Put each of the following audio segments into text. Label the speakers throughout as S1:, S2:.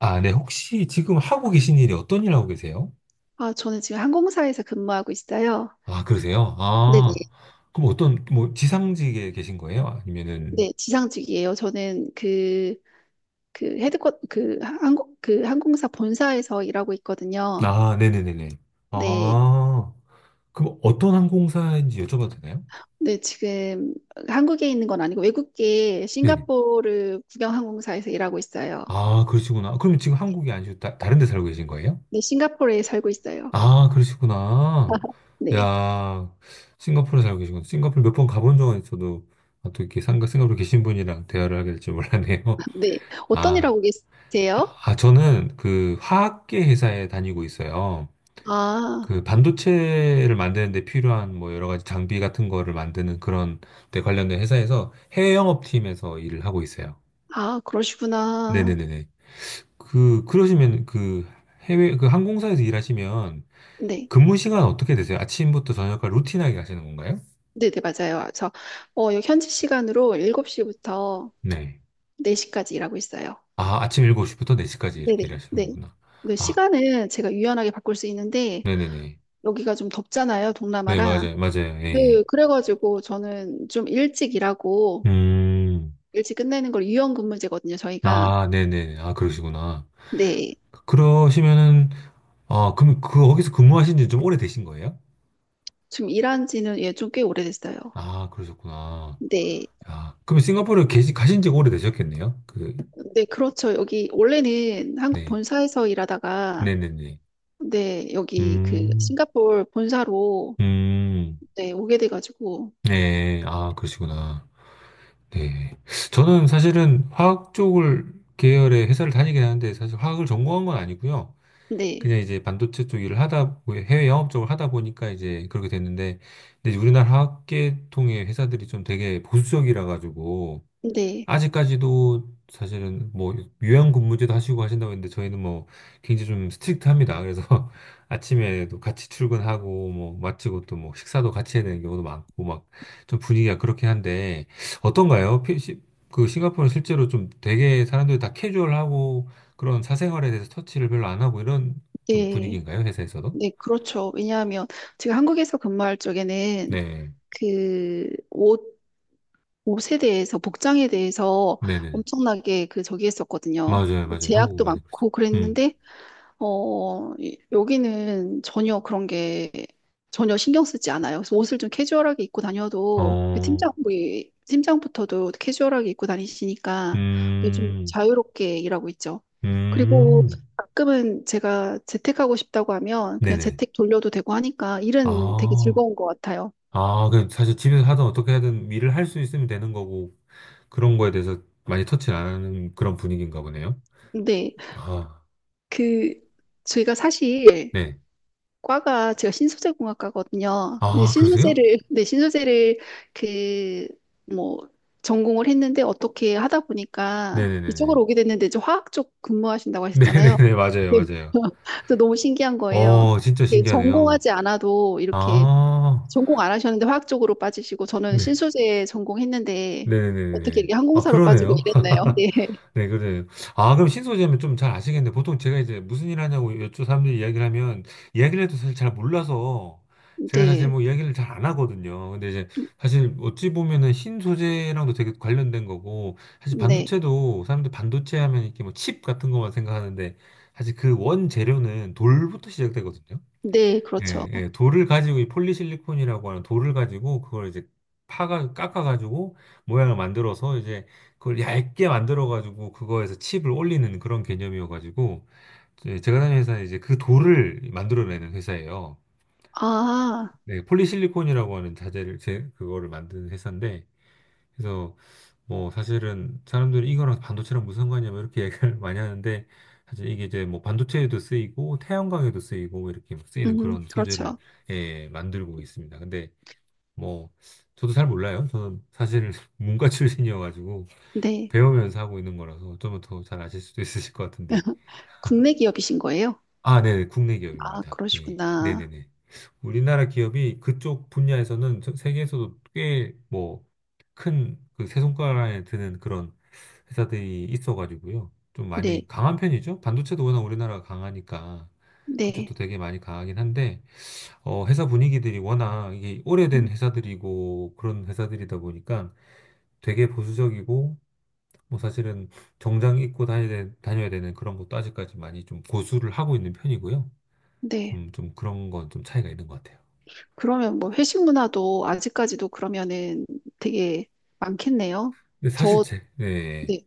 S1: 아, 네. 혹시 지금 하고 계신 일이 어떤 일 하고 계세요?
S2: 아, 저는 지금 항공사에서 근무하고 있어요.
S1: 아, 그러세요? 아,
S2: 네네.
S1: 그럼 어떤, 뭐, 지상직에 계신 거예요? 아니면은,
S2: 네, 지상직이에요. 저는 그 항공사 본사에서 일하고 있거든요.
S1: 아, 네네네네.
S2: 네.
S1: 아, 그럼 어떤 항공사인지 여쭤봐도 되나요?
S2: 네, 지금 한국에 있는 건 아니고 외국계
S1: 네네.
S2: 싱가포르 국영항공사에서 일하고 있어요.
S1: 아, 그러시구나. 그럼 지금 한국이 아니시고 다른 데 살고 계신 거예요?
S2: 네, 싱가포르에 살고 있어요.
S1: 아, 그러시구나.
S2: 네.
S1: 야, 싱가포르에 살고 계시구나. 싱가포르 몇 번 가본 적은 있어도, 아, 또 이렇게 상가 싱가포르 계신 분이랑 대화를 하게 될 줄 몰랐네요.
S2: 네. 어떤 일
S1: 아.
S2: 하고 계세요?
S1: 아, 저는 그 화학계 회사에 다니고 있어요.
S2: 아,
S1: 그 반도체를 만드는데 필요한 뭐 여러 가지 장비 같은 거를 만드는 그런 데 관련된 회사에서 해외 영업팀에서 일을 하고 있어요.
S2: 아, 그러시구나.
S1: 네네네네. 그, 그러시면 그 해외, 그 항공사에서 일하시면
S2: 네.
S1: 근무 시간 어떻게 되세요? 아침부터 저녁까지 루틴하게 하시는 건가요?
S2: 네네, 맞아요. 현지 시간으로 7시부터
S1: 네.
S2: 4시까지 일하고 있어요.
S1: 아, 아침 7시부터 4시까지
S2: 네네.
S1: 이렇게 일하시는
S2: 네.
S1: 거구나.
S2: 그
S1: 아,
S2: 시간은 제가 유연하게 바꿀 수 있는데,
S1: 네네네.
S2: 여기가 좀 덥잖아요,
S1: 네,
S2: 동남아라.
S1: 맞아요. 맞아요. 예.
S2: 네,
S1: 예.
S2: 그래가지고 저는 좀 일찍 일하고,
S1: 음.
S2: 일찍 끝내는 걸 유연 근무제거든요, 저희가.
S1: 아, 네네. 아, 그러시구나.
S2: 네.
S1: 그러시면은, 아, 그럼 그, 거기서 근무하신 지 좀 오래되신 거예요?
S2: 좀 일한 지는 예, 좀 꽤 오래됐어요.
S1: 아, 그러셨구나.
S2: 네.
S1: 야, 그럼 싱가포르에 계시, 가신 지가 오래되셨겠네요? 그,
S2: 네, 그렇죠. 여기, 원래는 한국
S1: 네.
S2: 본사에서 일하다가,
S1: 네네네.
S2: 네, 여기 그
S1: 음,
S2: 싱가포르 본사로,
S1: 음,
S2: 네, 오게 돼가지고,
S1: 네. 아, 그러시구나. 네. 저는 사실은 화학 쪽을 계열의 회사를 다니긴 하는데, 사실 화학을 전공한 건 아니고요.
S2: 네.
S1: 그냥 이제 반도체 쪽 일을 하다, 해외 영업 쪽을 하다 보니까 이제 그렇게 됐는데, 근데 이제 우리나라 화학계통의 회사들이 좀 되게 보수적이라 가지고,
S2: 네.
S1: 아직까지도 사실은 뭐 요양 근무제도 하시고 하신다고 했는데 저희는 뭐 굉장히 좀 스트릭트합니다. 그래서 아침에도 같이 출근하고 뭐 마치고 또 뭐 식사도 같이 해야 되는 경우도 많고 막 좀 분위기가 그렇긴 한데 어떤가요? 그 싱가포르는 실제로 좀 되게 사람들이 다 캐주얼하고 그런 사생활에 대해서 터치를 별로 안 하고 이런 좀
S2: 네.
S1: 분위기인가요? 회사에서도?
S2: 네, 그렇죠. 왜냐하면 제가 한국에서 근무할 적에는
S1: 네.
S2: 그 옷에 대해서, 복장에 대해서
S1: 네네.
S2: 엄청나게 그 저기 했었거든요.
S1: 맞아요. 맞아요. 한국은
S2: 제약도
S1: 많이 그렇죠.
S2: 많고
S1: 음.
S2: 그랬는데 여기는 전혀 그런 게 전혀 신경 쓰지 않아요. 그래서 옷을 좀 캐주얼하게 입고 다녀도 그
S1: 어.
S2: 팀장, 우리 팀장부터도 캐주얼하게 입고 다니시니까 요즘
S1: 음.
S2: 자유롭게 일하고 있죠. 그리고
S1: 음.
S2: 가끔은 제가 재택하고 싶다고 하면 그냥
S1: 네네.
S2: 재택 돌려도 되고 하니까 일은 되게
S1: 아,
S2: 즐거운 것 같아요.
S1: 아, 그 사실 집에서 하든 어떻게 하든 일을 할 수 있으면 되는 거고 그런 거에 대해서 많이 터치를 안 하는 그런 분위기인가 보네요.
S2: 근데
S1: 아,
S2: 그 저희가 사실
S1: 네.
S2: 과가 제가 신소재 공학과거든요. 이제
S1: 아, 그러세요?
S2: 신소재를 네, 신소재를 그 뭐 전공을 했는데 어떻게 하다 보니까
S1: 네네네네.
S2: 이쪽으로 오게 됐는데 이제 화학 쪽 근무하신다고 하셨잖아요.
S1: 네네네, 맞아요,
S2: 네.
S1: 맞아요.
S2: 그래서 너무 신기한 거예요.
S1: 어, 진짜
S2: 이게
S1: 신기하네요.
S2: 전공하지 않아도 이렇게
S1: 아,
S2: 전공 안 하셨는데 화학 쪽으로 빠지시고 저는
S1: 네.
S2: 신소재 전공했는데 어떻게
S1: 네네네네.
S2: 이렇게
S1: 아,
S2: 항공사로 빠지고
S1: 그러네요.
S2: 이랬나요? 네.
S1: 네, 그래요. 아, 그럼 신소재면 좀 잘 아시겠네. 보통 제가 이제 무슨 일 하냐고 여쭈 사람들이 이야기를 하면, 이야기를 해도 사실 잘 몰라서, 제가 사실
S2: 네.
S1: 뭐 이야기를 잘 안 하거든요. 근데 이제 사실 어찌 보면은 신소재랑도 되게 관련된 거고, 사실
S2: 네.
S1: 반도체도 사람들 반도체 하면 이렇게 뭐 칩 같은 것만 생각하는데, 사실 그 원재료는 돌부터 시작되거든요.
S2: 네, 그렇죠.
S1: 예, 예, 돌을 가지고 이 폴리실리콘이라고 하는 돌을 가지고 그걸 이제 파가 깎아가지고 모양을 만들어서 이제 그걸 얇게 만들어가지고 그거에서 칩을 올리는 그런 개념이어가지고 이제 제가 다니는 회사는 이제 그 돌을 만들어내는 회사예요.
S2: 아,
S1: 네, 폴리실리콘이라고 하는 자재를 제 그거를 만드는 회사인데 그래서 뭐 사실은 사람들이 이거랑 반도체랑 무슨 상관이냐면 이렇게 얘기를 많이 하는데 사실 이게 이제 뭐 반도체에도 쓰이고 태양광에도 쓰이고 이렇게 막 쓰이는 그런 소재를
S2: 그렇죠.
S1: 예, 만들고 있습니다. 근데 뭐 저도 잘 몰라요. 저는 사실 문과 출신이어가지고
S2: 네.
S1: 배우면서 하고 있는 거라서 좀 더 잘 아실 수도 있으실 것 같은데
S2: 국내 기업이신 거예요?
S1: 아, 네네. 국내
S2: 아,
S1: 기업입니다. 예.
S2: 그러시구나.
S1: 네네네. 우리나라 기업이 그쪽 분야에서는 전 세계에서도 꽤 뭐 큰 그 세 손가락에 드는 그런 회사들이 있어가지고요. 좀 많이
S2: 네,
S1: 강한 편이죠. 반도체도 워낙 우리나라가 강하니까
S2: 네,
S1: 그쪽도 되게 많이 강하긴 한데 어, 회사 분위기들이 워낙 이게 오래된
S2: 음,
S1: 회사들이고 그런 회사들이다 보니까 되게 보수적이고 뭐 사실은 정장 입고 다녀야 되는 그런 것도 아직까지 많이 좀 고수를 하고 있는 편이고요.
S2: 네.
S1: 좀 그런 건 좀 차이가 있는 것 같아요.
S2: 그러면 뭐 회식 문화도 아직까지도 그러면은 되게 많겠네요.
S1: 근데 사실
S2: 저,
S1: 네,
S2: 네,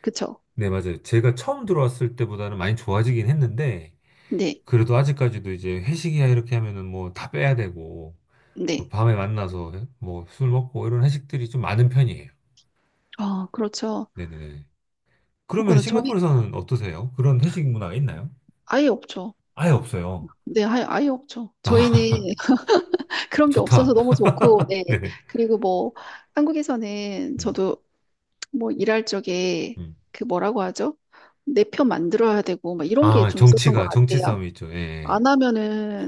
S2: 그쵸.
S1: 네, 맞아요. 제가 처음 들어왔을 때보다는 많이 좋아지긴 했는데,
S2: 네,
S1: 그래도 아직까지도 이제 회식이야 이렇게 하면은 뭐 다 빼야 되고, 뭐
S2: 네.
S1: 밤에 만나서 뭐 술 먹고 이런 회식들이 좀 많은 편이에요.
S2: 아, 그렇죠.
S1: 네네네. 그러면
S2: 그렇구나. 저희
S1: 싱가포르에서는 어떠세요? 그런 회식 문화가 있나요?
S2: 아예 없죠.
S1: 아예 없어요.
S2: 네, 아예, 아예 없죠.
S1: 아,
S2: 저희는 그런 게 없어서
S1: 좋다.
S2: 너무 좋고, 네.
S1: 네.
S2: 그리고 뭐 한국에서는
S1: 음,
S2: 저도 뭐 일할 적에
S1: 음.
S2: 그 뭐라고 하죠? 내 편 만들어야 되고, 막 이런 게
S1: 아,
S2: 좀 있었던 것
S1: 정치가, 정치
S2: 같아요.
S1: 싸움이 있죠. 예.
S2: 안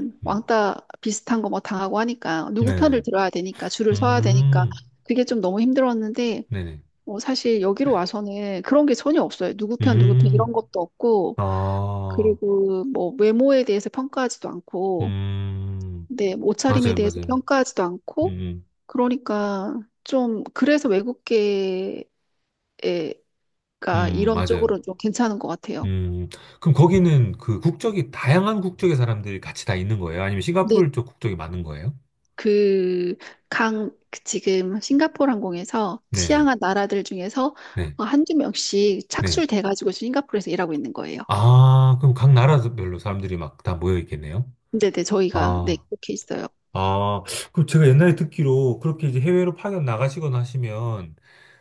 S1: 예. 음.
S2: 왕따 비슷한 거 뭐 당하고 하니까 누구 편을
S1: 네.
S2: 들어야 되니까 줄을 서야 되니까
S1: 음,
S2: 그게 좀 너무 힘들었는데
S1: 네네.
S2: 사실 여기로 와서는 그런 게 전혀 없어요. 누구 편 누구 편
S1: 음.
S2: 이런 것도 없고
S1: 아,
S2: 그리고 뭐 외모에 대해서 평가하지도 않고
S1: 음,
S2: 네, 뭐 옷차림에
S1: 맞아요,
S2: 대해서
S1: 맞아요.
S2: 평가하지도 않고
S1: 음,
S2: 그러니까 좀 그래서 외국계가 이런
S1: 맞아요.
S2: 쪽으로는 좀 괜찮은 것 같아요.
S1: 음, 그럼 거기는 그 국적이 다양한 국적의 사람들이 같이 다 있는 거예요? 아니면
S2: 네,
S1: 싱가포르 쪽 국적이 많은 거예요?
S2: 그 그 지금 싱가포르 항공에서
S1: 네,
S2: 취향한 나라들 중에서
S1: 네,
S2: 한두 명씩
S1: 네.
S2: 착출돼가지고 싱가포르에서 일하고 있는 거예요.
S1: 아, 그럼 각 나라별로 사람들이 막 다 모여 있겠네요?
S2: 근데 네, 저희가 네,
S1: 아,
S2: 그렇게 있어요.
S1: 아, 그럼 제가 옛날에 듣기로 그렇게 이제 해외로 파견 나가시거나 하시면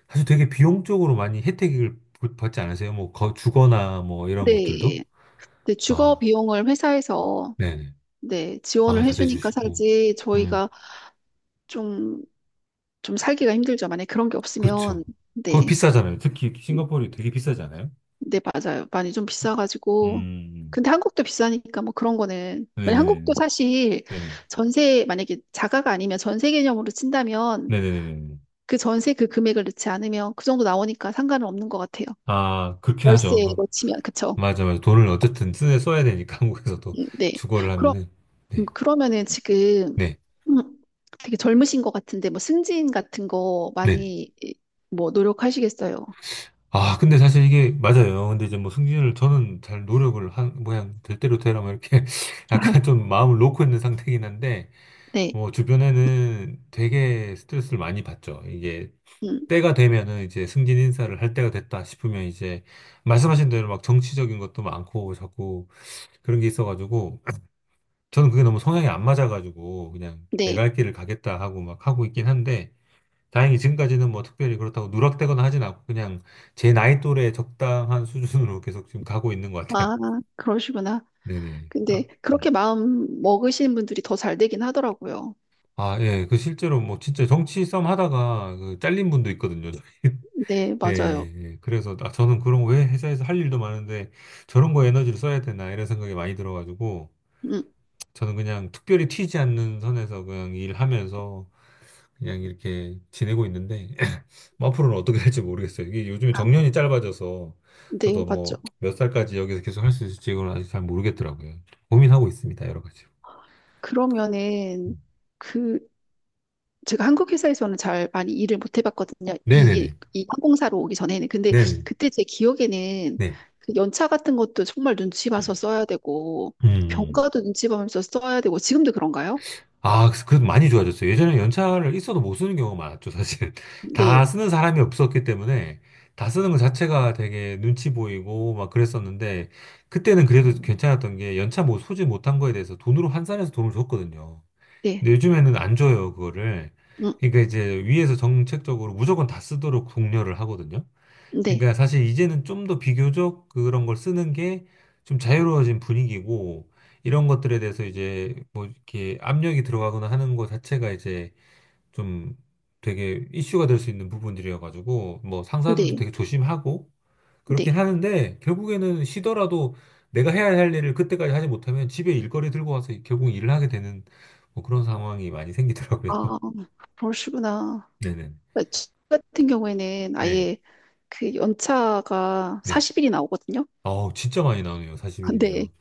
S1: 사실 되게 비용적으로 많이 혜택을 받지 않으세요? 뭐, 주거나 뭐 이런 것들도?
S2: 네, 네, 주거
S1: 아,
S2: 비용을 회사에서
S1: 네네.
S2: 네, 지원을
S1: 아, 다
S2: 해주니까
S1: 대주시고.
S2: 살지
S1: 음,
S2: 저희가 좀, 좀 살기가 힘들죠. 만약에 그런 게
S1: 그렇죠.
S2: 없으면
S1: 거기
S2: 네.
S1: 비싸잖아요. 특히 싱가포르 되게 비싸잖아요.
S2: 네, 맞아요. 많이 좀 비싸가지고.
S1: 음,
S2: 근데 한국도 비싸니까 뭐 그런 거는. 만약 한국도
S1: 네네네네.
S2: 사실
S1: 네네.
S2: 전세, 만약에 자가가 아니면 전세 개념으로 친다면
S1: 네네네네.
S2: 그 전세 그 금액을 넣지 않으면 그 정도 나오니까 상관은 없는 것 같아요.
S1: 아, 그렇게 하죠.
S2: 월세로
S1: 그,
S2: 치면, 그쵸?
S1: 맞아, 맞아. 돈을 어쨌든 써야 되니까 한국에서도
S2: 네.
S1: 주거를
S2: 그럼,
S1: 하면은. 네,
S2: 그러면은 지금
S1: 네,
S2: 음, 되게 젊으신 것 같은데 뭐 승진 같은 거
S1: 네.
S2: 많이 이, 뭐 노력하시겠어요?
S1: 아, 근데 사실 이게 맞아요. 근데 이제 뭐 승진을 저는 잘 노력을 될 대로 되라 뭐 이렇게 약간 좀 마음을 놓고 있는 상태긴 한데,
S2: 네.
S1: 뭐 주변에는 되게 스트레스를 많이 받죠. 이게
S2: 음,
S1: 때가 되면은 이제 승진 인사를 할 때가 됐다 싶으면 이제 말씀하신 대로 막 정치적인 것도 많고 자꾸 그런 게 있어가지고 저는 그게 너무 성향이 안 맞아가지고 그냥
S2: 네.
S1: 내가 할 길을 가겠다 하고 막 하고 있긴 한데 다행히 지금까지는 뭐 특별히 그렇다고 누락되거나 하진 않고 그냥 제 나이 또래 적당한 수준으로 계속 지금 가고 있는 것 같아요.
S2: 아, 그러시구나.
S1: 네네.
S2: 근데
S1: 아,
S2: 그렇게
S1: 음.
S2: 마음 먹으시는 분들이 더 잘 되긴 하더라고요.
S1: 아, 예. 그 실제로 뭐 진짜 정치 싸움 하다가 그 잘린 분도 있거든요.
S2: 네,
S1: 예,
S2: 맞아요.
S1: 예. 그래서 저는 그런 거 왜 회사에서 할 일도 많은데 저런 거 에너지를 써야 되나 이런 생각이 많이 들어가지고
S2: 음,
S1: 저는 그냥 특별히 튀지 않는 선에서 그냥 일하면서 그냥 이렇게 지내고 있는데 뭐 앞으로는 어떻게 할지 모르겠어요. 이게 요즘에
S2: 아,
S1: 정년이 짧아져서
S2: 네,
S1: 저도
S2: 맞죠.
S1: 뭐 몇 살까지 여기서 계속 할 수 있을지 이건 아직 잘 모르겠더라고요. 고민하고 있습니다. 여러 가지.
S2: 그러면은
S1: 음.
S2: 그 제가 한국 회사에서는 잘 많이 일을 못 해봤거든요. 이,
S1: 네네네.
S2: 이 항공사로 오기 전에는. 근데
S1: 네네.
S2: 그때 제 기억에는
S1: 네.
S2: 그 연차 같은 것도 정말 눈치 봐서 써야 되고
S1: 음.
S2: 병가도 눈치 보면서 써야 되고 지금도 그런가요?
S1: 아, 그- 래도 많이 좋아졌어요. 예전에 연차를 있어도 못 쓰는 경우가 많았죠, 사실. 다
S2: 네,
S1: 쓰는 사람이 없었기 때문에 다 쓰는 것 자체가 되게 눈치 보이고 막 그랬었는데 그때는 그래도 괜찮았던 게 연차 뭐 소지 못한 거에 대해서 돈으로 환산해서 돈을 줬거든요.
S2: 네,
S1: 근데 요즘에는 안 줘요, 그거를.
S2: 음,
S1: 그러니까 이제 위에서 정책적으로 무조건 다 쓰도록 독려를 하거든요.
S2: 네,
S1: 그러니까 사실 이제는 좀 더 비교적 그런 걸 쓰는 게 좀 자유로워진 분위기고 이런 것들에 대해서 이제 뭐 이렇게 압력이 들어가거나 하는 것 자체가 이제 좀 되게 이슈가 될 수 있는 부분들이어가지고 뭐 상사들도
S2: 네,
S1: 되게 조심하고 그렇긴
S2: 네.
S1: 하는데 결국에는 쉬더라도 내가 해야 할 일을 그때까지 하지 못하면 집에 일거리 들고 와서 결국 일을 하게 되는 뭐 그런 상황이 많이 생기더라고요.
S2: 아, 그러시구나.
S1: 네네.
S2: 그러니까 저 같은 경우에는
S1: 네.
S2: 아예 그 연차가
S1: 네.
S2: 40일이 나오거든요.
S1: 아우 진짜 많이 나오네요.
S2: 네.
S1: 40일이면.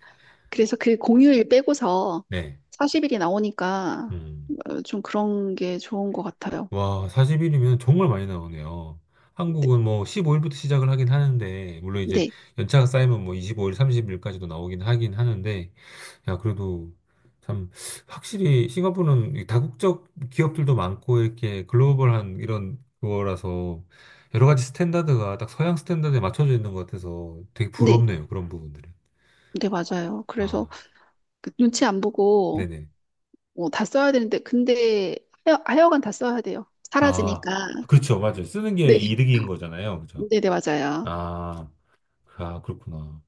S2: 그래서 그 공휴일 빼고서
S1: 네.
S2: 40일이 나오니까
S1: 음.
S2: 좀 그런 게 좋은 것 같아요.
S1: 와, 40일이면 정말 많이 나오네요. 한국은 뭐 15일부터 시작을 하긴 하는데, 물론 이제
S2: 네.
S1: 연차가 쌓이면 뭐 25일, 30일까지도 나오긴 하긴 하는데, 야, 그래도 참, 확실히 싱가포르는 이 다국적 기업들도 많고, 이렇게 글로벌한 이런 거라서, 여러 가지 스탠다드가 딱 서양 스탠다드에 맞춰져 있는 것 같아서 되게
S2: 네.
S1: 부럽네요, 그런 부분들은.
S2: 네, 맞아요. 그래서
S1: 아,
S2: 그 눈치 안 보고
S1: 네네.
S2: 뭐 다 써야 되는데, 근데 하여간 다 써야 돼요.
S1: 아,
S2: 사라지니까.
S1: 그렇죠. 맞아요. 쓰는 게
S2: 네.
S1: 이득인 거잖아요. 그죠?
S2: 네, 네, 맞아요.
S1: 아, 아, 그렇구나.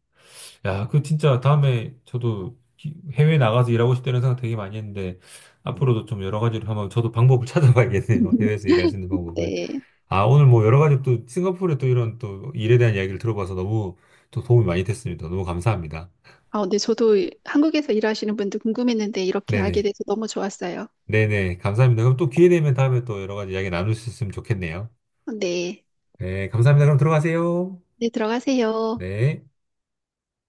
S1: 야, 그 진짜 다음에 저도 해외 나가서 일하고 싶다는 생각 되게 많이 했는데 앞으로도 좀 여러 가지로 한번 저도 방법을 찾아봐야겠네요. 해외에서 일할 수 있는 방법을.
S2: 네.
S1: 아, 오늘 뭐 여러 가지 또 싱가포르의 또 이런 또 일에 대한 이야기를 들어봐서 너무 또 도움이 많이 됐습니다. 너무 감사합니다.
S2: 아, 근데 저도 한국에서 일하시는 분들 궁금했는데 이렇게 알게
S1: 네네.
S2: 돼서 너무 좋았어요.
S1: 네네. 감사합니다. 그럼 또 기회 되면 다음에 또 여러 가지 이야기 나눌 수 있으면 좋겠네요.
S2: 네.
S1: 네, 감사합니다. 그럼 들어가세요.
S2: 네, 들어가세요.
S1: 네.